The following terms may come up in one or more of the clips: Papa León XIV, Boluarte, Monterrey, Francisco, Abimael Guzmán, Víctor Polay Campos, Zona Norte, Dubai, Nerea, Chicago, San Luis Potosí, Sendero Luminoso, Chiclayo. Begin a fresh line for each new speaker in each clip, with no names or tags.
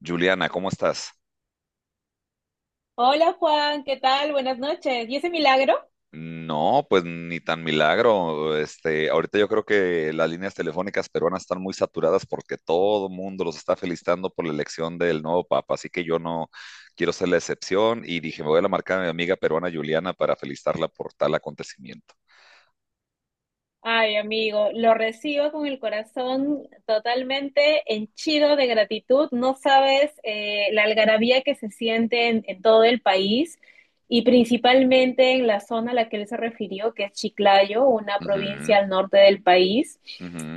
Juliana, ¿cómo estás?
Hola Juan, ¿qué tal? Buenas noches. ¿Y ese milagro?
No, pues ni tan milagro. Ahorita yo creo que las líneas telefónicas peruanas están muy saturadas porque todo el mundo los está felicitando por la elección del nuevo papa, así que yo no quiero ser la excepción y dije, me voy a la marca a mi amiga peruana Juliana para felicitarla por tal acontecimiento.
Ay, amigo, lo recibo con el corazón totalmente henchido de gratitud. No sabes, la algarabía que se siente en todo el país y principalmente en la zona a la que él se refirió, que es Chiclayo, una
Ujú,
provincia al norte del país,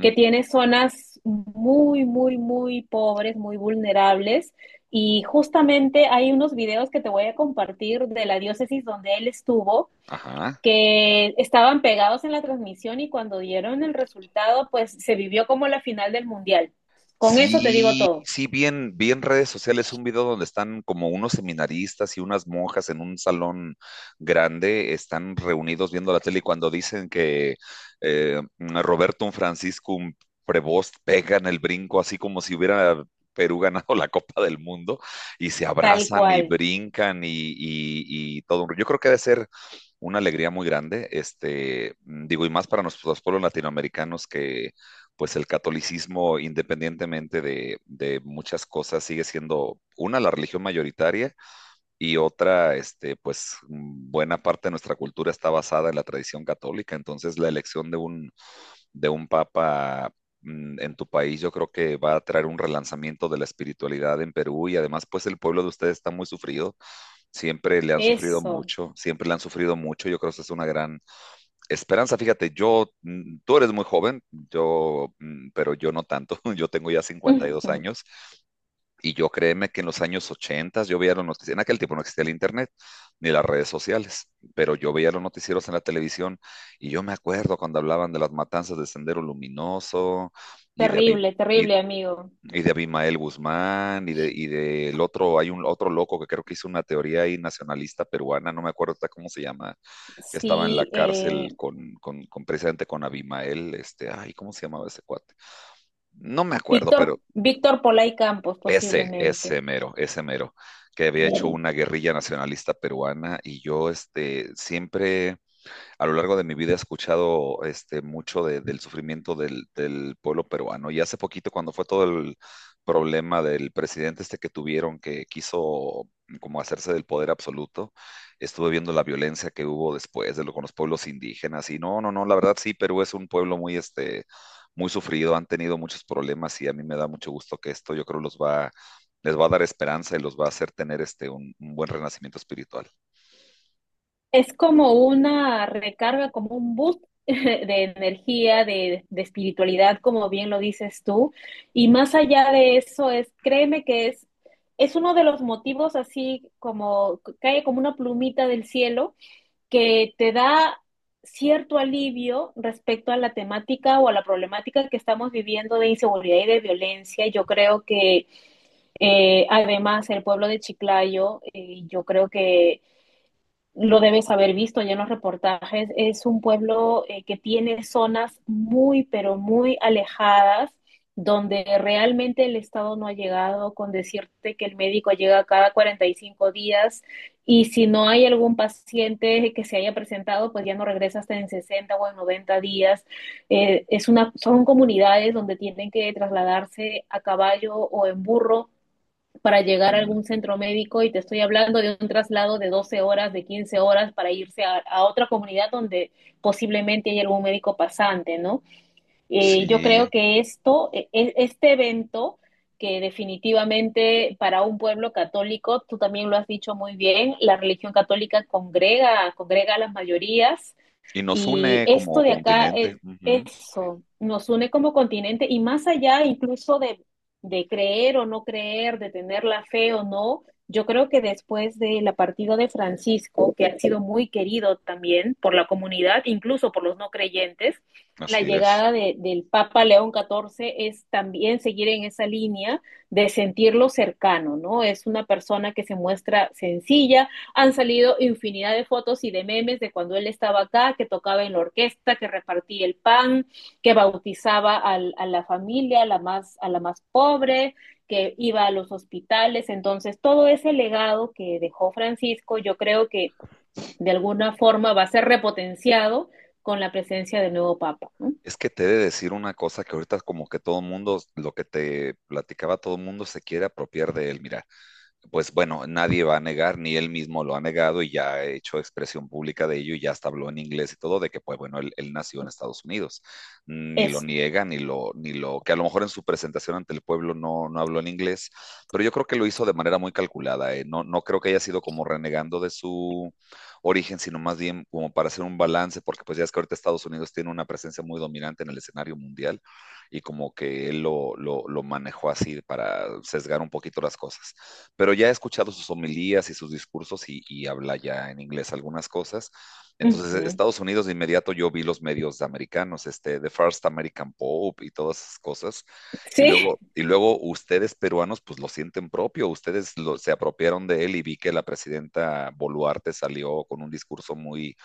que tiene zonas muy, muy, muy pobres, muy vulnerables. Y justamente hay unos videos que te voy a compartir de la diócesis donde él estuvo,
ajá.
que estaban pegados en la transmisión, y cuando dieron el resultado, pues se vivió como la final del mundial. Con eso te digo
Sí,
todo,
sí, bien, bien, redes sociales, un video donde están como unos seminaristas y unas monjas en un salón grande, están reunidos viendo la tele y cuando dicen que Roberto, un Francisco, un Prevost, pegan el brinco así como si hubiera Perú ganado la Copa del Mundo, y se
tal
abrazan y
cual.
brincan y todo. Yo creo que debe ser una alegría muy grande, este, digo, y más para nuestros pueblos latinoamericanos, pues el catolicismo, independientemente de muchas cosas, sigue siendo una, la religión mayoritaria, y otra, este, pues buena parte de nuestra cultura está basada en la tradición católica. Entonces, la elección de un papa en tu país, yo creo que va a traer un relanzamiento de la espiritualidad en Perú, y además, pues el pueblo de ustedes está muy sufrido. Siempre le han sufrido
Eso.
mucho, siempre le han sufrido mucho. Yo creo que esa es una gran esperanza. Fíjate, yo, tú eres muy joven, yo, pero yo no tanto. Yo tengo ya 52 años y yo créeme que en los años 80, yo veía los noticieros. En aquel tiempo no existía el internet ni las redes sociales, pero yo veía los noticieros en la televisión y yo me acuerdo cuando hablaban de las matanzas de Sendero Luminoso y de Aviv
Terrible, terrible, amigo.
y de Abimael Guzmán, y del otro. Hay un otro loco que creo que hizo una teoría ahí nacionalista peruana, no me acuerdo ahorita cómo se llama, que estaba en la
Sí,
cárcel con, precisamente con Abimael, este, ay, ¿cómo se llamaba ese cuate? No me acuerdo, pero
Víctor, Víctor Polay Campos, posiblemente.
ese mero, que había hecho
Sí.
una guerrilla nacionalista peruana, y yo, este, siempre a lo largo de mi vida he escuchado, este, mucho del sufrimiento del pueblo peruano. Y hace poquito, cuando fue todo el problema del presidente este que tuvieron, que quiso como hacerse del poder absoluto, estuve viendo la violencia que hubo después de lo con los pueblos indígenas. Y no, no, no, la verdad sí, Perú es un pueblo muy, este, muy sufrido, han tenido muchos problemas y a mí me da mucho gusto que esto, yo creo, les va a dar esperanza y los va a hacer tener, este, un buen renacimiento espiritual.
Es como una recarga, como un boost de energía, de espiritualidad, como bien lo dices tú. Y más allá de eso, créeme que es uno de los motivos, así como cae como una plumita del cielo que te da cierto alivio respecto a la temática o a la problemática que estamos viviendo de inseguridad y de violencia. Yo creo que, además, el pueblo de Chiclayo, yo creo que lo debes haber visto ya en los reportajes, es un pueblo, que tiene zonas muy, pero muy alejadas, donde realmente el Estado no ha llegado, con decirte que el médico llega cada 45 días, y si no hay algún paciente que se haya presentado, pues ya no regresa hasta en 60 o en 90 días. Son comunidades donde tienen que trasladarse a caballo o en burro para llegar a
Ujú.
algún centro médico, y te estoy hablando de un traslado de 12 horas, de 15 horas, para irse a otra comunidad donde posiblemente hay algún médico pasante, ¿no? Yo creo
Sí,
que este evento que, definitivamente, para un pueblo católico, tú también lo has dicho muy bien, la religión católica congrega, congrega a las mayorías,
y nos
y
une como
esto de acá,
continente. Ujú,
eso, nos une como continente y más allá, incluso, de creer o no creer, de tener la fe o no. Yo creo que después de la partida de Francisco, que ha sido muy querido también por la comunidad, incluso por los no creyentes, la
así es.
llegada del Papa León XIV es también seguir en esa línea de sentirlo cercano, ¿no? Es una persona que se muestra sencilla, han salido infinidad de fotos y de memes de cuando él estaba acá, que tocaba en la orquesta, que repartía el pan, que bautizaba a la familia, a la más pobre, que iba a los hospitales. Entonces, todo ese legado que dejó Francisco, yo creo que de alguna forma va a ser repotenciado con la presencia del nuevo Papa, ¿no?
Es que te he de decir una cosa que ahorita como que todo mundo, lo que te platicaba, todo mundo se quiere apropiar de él. Mira, pues bueno, nadie va a negar, ni él mismo lo ha negado, y ya ha hecho expresión pública de ello y ya hasta habló en inglés y todo, de que, pues bueno, él nació en Estados Unidos. Ni lo
Eso.
niega, ni lo, que a lo mejor en su presentación ante el pueblo no, no habló en inglés, pero yo creo que lo hizo de manera muy calculada. ¿Eh? No, no creo que haya sido como renegando de su origen, sino más bien como para hacer un balance, porque pues ya es que ahorita Estados Unidos tiene una presencia muy dominante en el escenario mundial y como que él lo manejó así para sesgar un poquito las cosas, pero ya he escuchado sus homilías y sus discursos y habla ya en inglés algunas cosas.
Uh
Entonces,
-huh.
Estados Unidos de inmediato, yo vi los medios americanos, este, The First American Pope y todas esas cosas. Y
Sí,
luego, y luego ustedes peruanos, pues lo sienten propio, ustedes se apropiaron de él, y vi que la presidenta Boluarte salió con un discurso muy,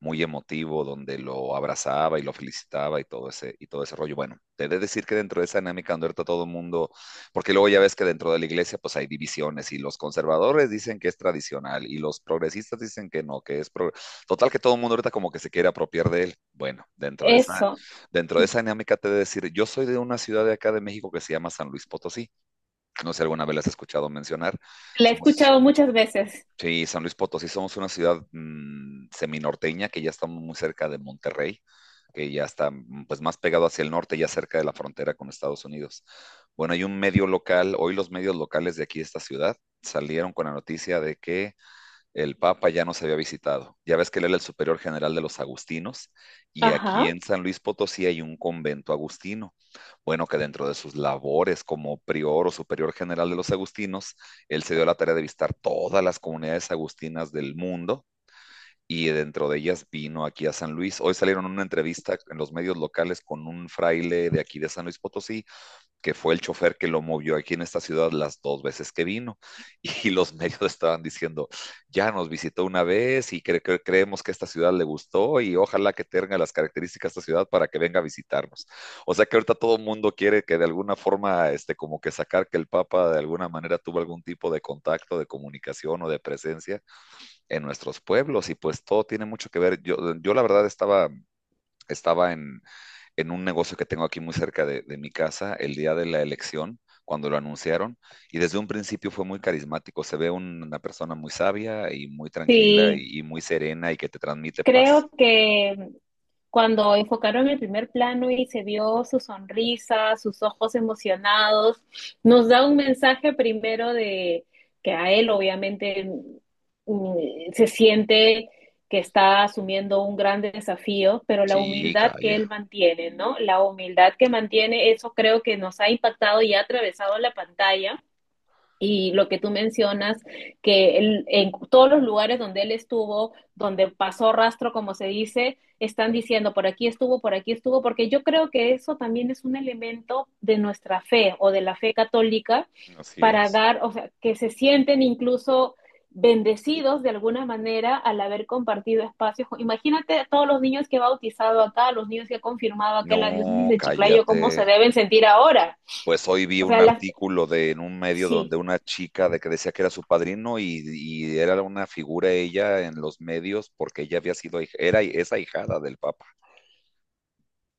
muy emotivo donde lo abrazaba y lo felicitaba y y todo ese rollo. Bueno, te he de decir que dentro de esa dinámica donde ahorita todo el mundo, porque luego ya ves que dentro de la iglesia pues hay divisiones y los conservadores dicen que es tradicional y los progresistas dicen que no, que es pro... total que todo el mundo ahorita como que se quiere apropiar de él. Bueno,
eso.
dentro de esa dinámica te he de decir, yo soy de una ciudad de acá de México que se llama San Luis Potosí. No sé si alguna vez la has escuchado mencionar.
La he
Somos
escuchado muchas veces.
Sí, San Luis Potosí, somos una ciudad, seminorteña, que ya estamos muy cerca de Monterrey, que ya está, pues más pegado hacia el norte, ya cerca de la frontera con Estados Unidos. Bueno, hay un medio local, hoy los medios locales de aquí de esta ciudad salieron con la noticia de que el Papa ya nos había visitado. Ya ves que él era el superior general de los agustinos y aquí
Ajá,
en San Luis Potosí hay un convento agustino. Bueno, que dentro de sus labores como prior o superior general de los agustinos, él se dio la tarea de visitar todas las comunidades agustinas del mundo y dentro de ellas vino aquí a San Luis. Hoy salieron una entrevista en los medios locales con un fraile de aquí de San Luis Potosí que fue el chofer que lo movió aquí en esta ciudad las dos veces que vino. Y los medios estaban diciendo, ya nos visitó una vez y creemos que esta ciudad le gustó y ojalá que tenga las características de esta ciudad para que venga a visitarnos. O sea que ahorita todo el mundo quiere que, de alguna forma, este, como que sacar que el Papa de alguna manera tuvo algún tipo de contacto, de comunicación o de presencia en nuestros pueblos. Y pues todo tiene mucho que ver. Yo la verdad estaba, estaba en, en un negocio que tengo aquí muy cerca de mi casa el día de la elección, cuando lo anunciaron, y desde un principio fue muy carismático. Se ve una persona muy sabia y muy tranquila
sí,
y muy serena y que te transmite paz.
creo que cuando enfocaron el primer plano y se vio su sonrisa, sus ojos emocionados, nos da un mensaje primero de que a él, obviamente, se siente que está asumiendo un gran desafío, pero la
Sí,
humildad que él
calla,
mantiene, ¿no? La humildad que mantiene, eso creo que nos ha impactado y ha atravesado la pantalla. Y lo que tú mencionas, que en todos los lugares donde él estuvo, donde pasó rastro, como se dice, están diciendo por aquí estuvo, porque yo creo que eso también es un elemento de nuestra fe o de la fe católica,
así
para
es.
dar, o sea, que se sienten incluso bendecidos de alguna manera al haber compartido espacios. Imagínate a todos los niños que he bautizado acá, a los niños que ha confirmado acá en la diócesis
No,
de Chiclayo, cómo
cállate.
se deben sentir ahora.
Pues hoy vi
O
un
sea, las,
artículo de en un medio donde
sí.
una chica, de que decía que era su padrino, y era una figura ella en los medios porque ella había sido, era esa ahijada del Papa,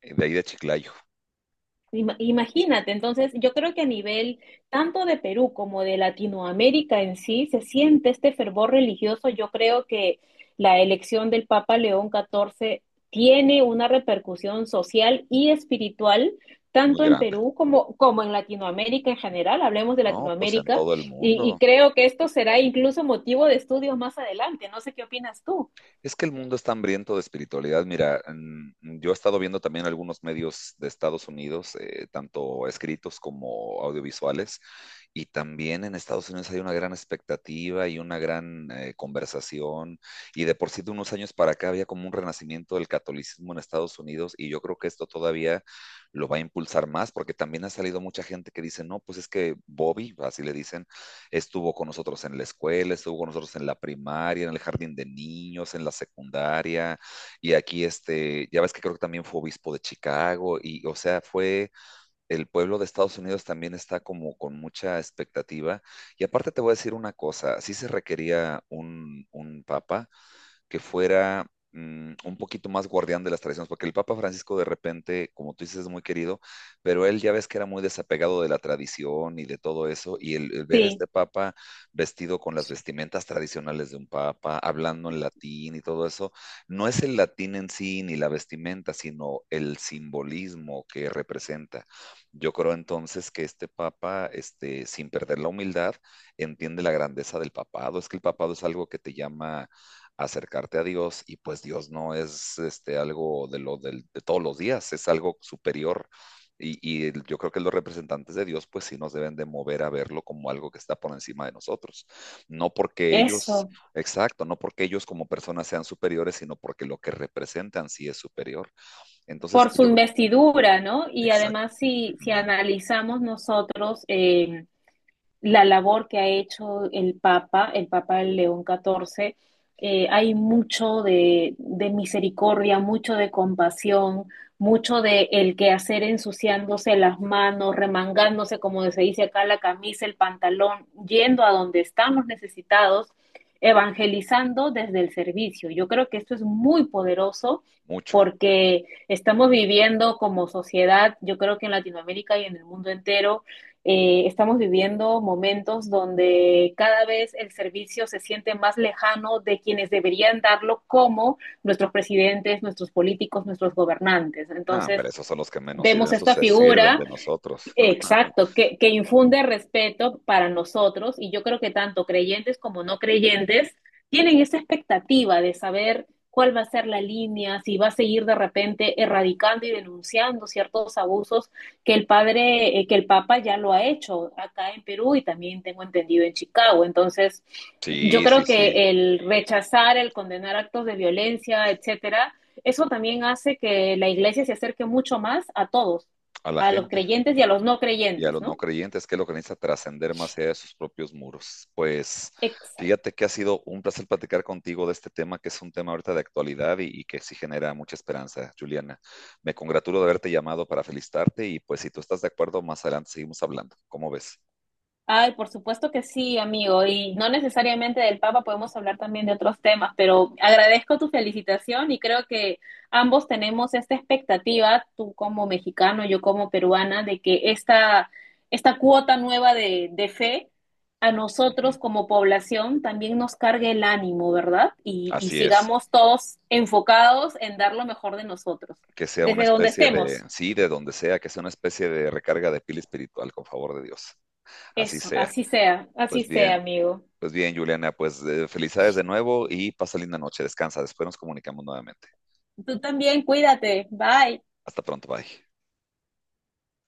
de ahí de Chiclayo,
Imagínate, entonces yo creo que a nivel tanto de Perú como de Latinoamérica, en sí, se siente este fervor religioso. Yo creo que la elección del Papa León XIV tiene una repercusión social y espiritual
muy
tanto en
grande.
Perú como, como en Latinoamérica en general. Hablemos de
No, pues en
Latinoamérica,
todo el
y
mundo.
creo que esto será, incluso, motivo de estudios más adelante. No sé qué opinas tú.
Es que el mundo está hambriento de espiritualidad. Mira, yo he estado viendo también algunos medios de Estados Unidos, tanto escritos como audiovisuales. Y también en Estados Unidos hay una gran expectativa y una gran, conversación. Y de por sí de unos años para acá había como un renacimiento del catolicismo en Estados Unidos y yo creo que esto todavía lo va a impulsar más, porque también ha salido mucha gente que dice, no, pues es que Bobby, así le dicen, estuvo con nosotros en la escuela, estuvo con nosotros en la primaria, en el jardín de niños, en la secundaria. Y aquí, este, ya ves que creo que también fue obispo de Chicago, y, o sea, fue, el pueblo de Estados Unidos también está como con mucha expectativa. Y aparte te voy a decir una cosa, sí se requería un papa, que fuera, un poquito más guardián de las tradiciones, porque el Papa Francisco, de repente, como tú dices, es muy querido, pero él ya ves que era muy desapegado de la tradición y de todo eso, y el ver a
Sí,
este Papa vestido con las vestimentas tradicionales de un Papa, hablando en latín y todo eso, no es el latín en sí ni la vestimenta, sino el simbolismo que representa. Yo creo entonces que este papa, este, sin perder la humildad, entiende la grandeza del papado. Es que el papado es algo que te llama acercarte a Dios, y pues Dios no es, este, algo de todos los días, es algo superior. Y yo creo que los representantes de Dios pues sí nos deben de mover a verlo como algo que está por encima de nosotros. No porque ellos,
eso.
exacto, no porque ellos como personas sean superiores, sino porque lo que representan sí es superior. Entonces,
Por
pues
su
yo creo,
investidura, ¿no? Y
exacto,
además, si
ujú,
analizamos nosotros, la labor que ha hecho el Papa León XIV, hay mucho de, misericordia, mucho de compasión, mucho de el quehacer, ensuciándose las manos, remangándose, como se dice acá, la camisa, el pantalón, yendo a donde estamos necesitados, evangelizando desde el servicio. Yo creo que esto es muy poderoso
mucho.
porque estamos viviendo como sociedad, yo creo que en Latinoamérica y en el mundo entero, estamos viviendo momentos donde cada vez el servicio se siente más lejano de quienes deberían darlo, como nuestros presidentes, nuestros políticos, nuestros gobernantes.
Ah,
Entonces,
pero esos son los que menos sirven,
vemos
esos
esta
se sirven
figura.
de nosotros.
Exacto, que infunde respeto para nosotros, y yo creo que tanto creyentes como no creyentes tienen esa expectativa de saber cuál va a ser la línea, si va a seguir de repente erradicando y denunciando ciertos abusos, que el padre, que el Papa ya lo ha hecho acá en Perú, y también tengo entendido en Chicago. Entonces, yo
Sí, sí,
creo
sí,
que el rechazar, el condenar actos de violencia, etcétera, eso también hace que la iglesia se acerque mucho más a todos,
a la
a los
gente.
creyentes y a los no
Y a
creyentes,
los no
¿no?
creyentes, que lo que necesita trascender más allá de sus propios muros. Pues
Exacto.
fíjate que ha sido un placer platicar contigo de este tema, que es un tema ahorita de actualidad y que sí genera mucha esperanza, Juliana. Me congratulo de haberte llamado para felicitarte y, pues, si tú estás de acuerdo, más adelante seguimos hablando. ¿Cómo ves?
Ay, por supuesto que sí, amigo. Y no necesariamente del Papa, podemos hablar también de otros temas, pero agradezco tu felicitación y creo que ambos tenemos esta expectativa, tú como mexicano, yo como peruana, de que esta cuota nueva de fe, a
Ujú.
nosotros como población, también nos cargue el ánimo, ¿verdad? Y
Así es.
sigamos todos enfocados en dar lo mejor de nosotros,
Que sea una
desde donde
especie de,
estemos.
sí, de donde sea, que sea una especie de recarga de pila espiritual, con favor de Dios. Así
Eso,
sea.
así
Pues
sea,
bien.
amigo.
Pues bien, Juliana, pues, felicidades de nuevo y pasa linda noche, descansa, después nos comunicamos nuevamente.
Tú también, cuídate. Bye.
Hasta pronto, bye.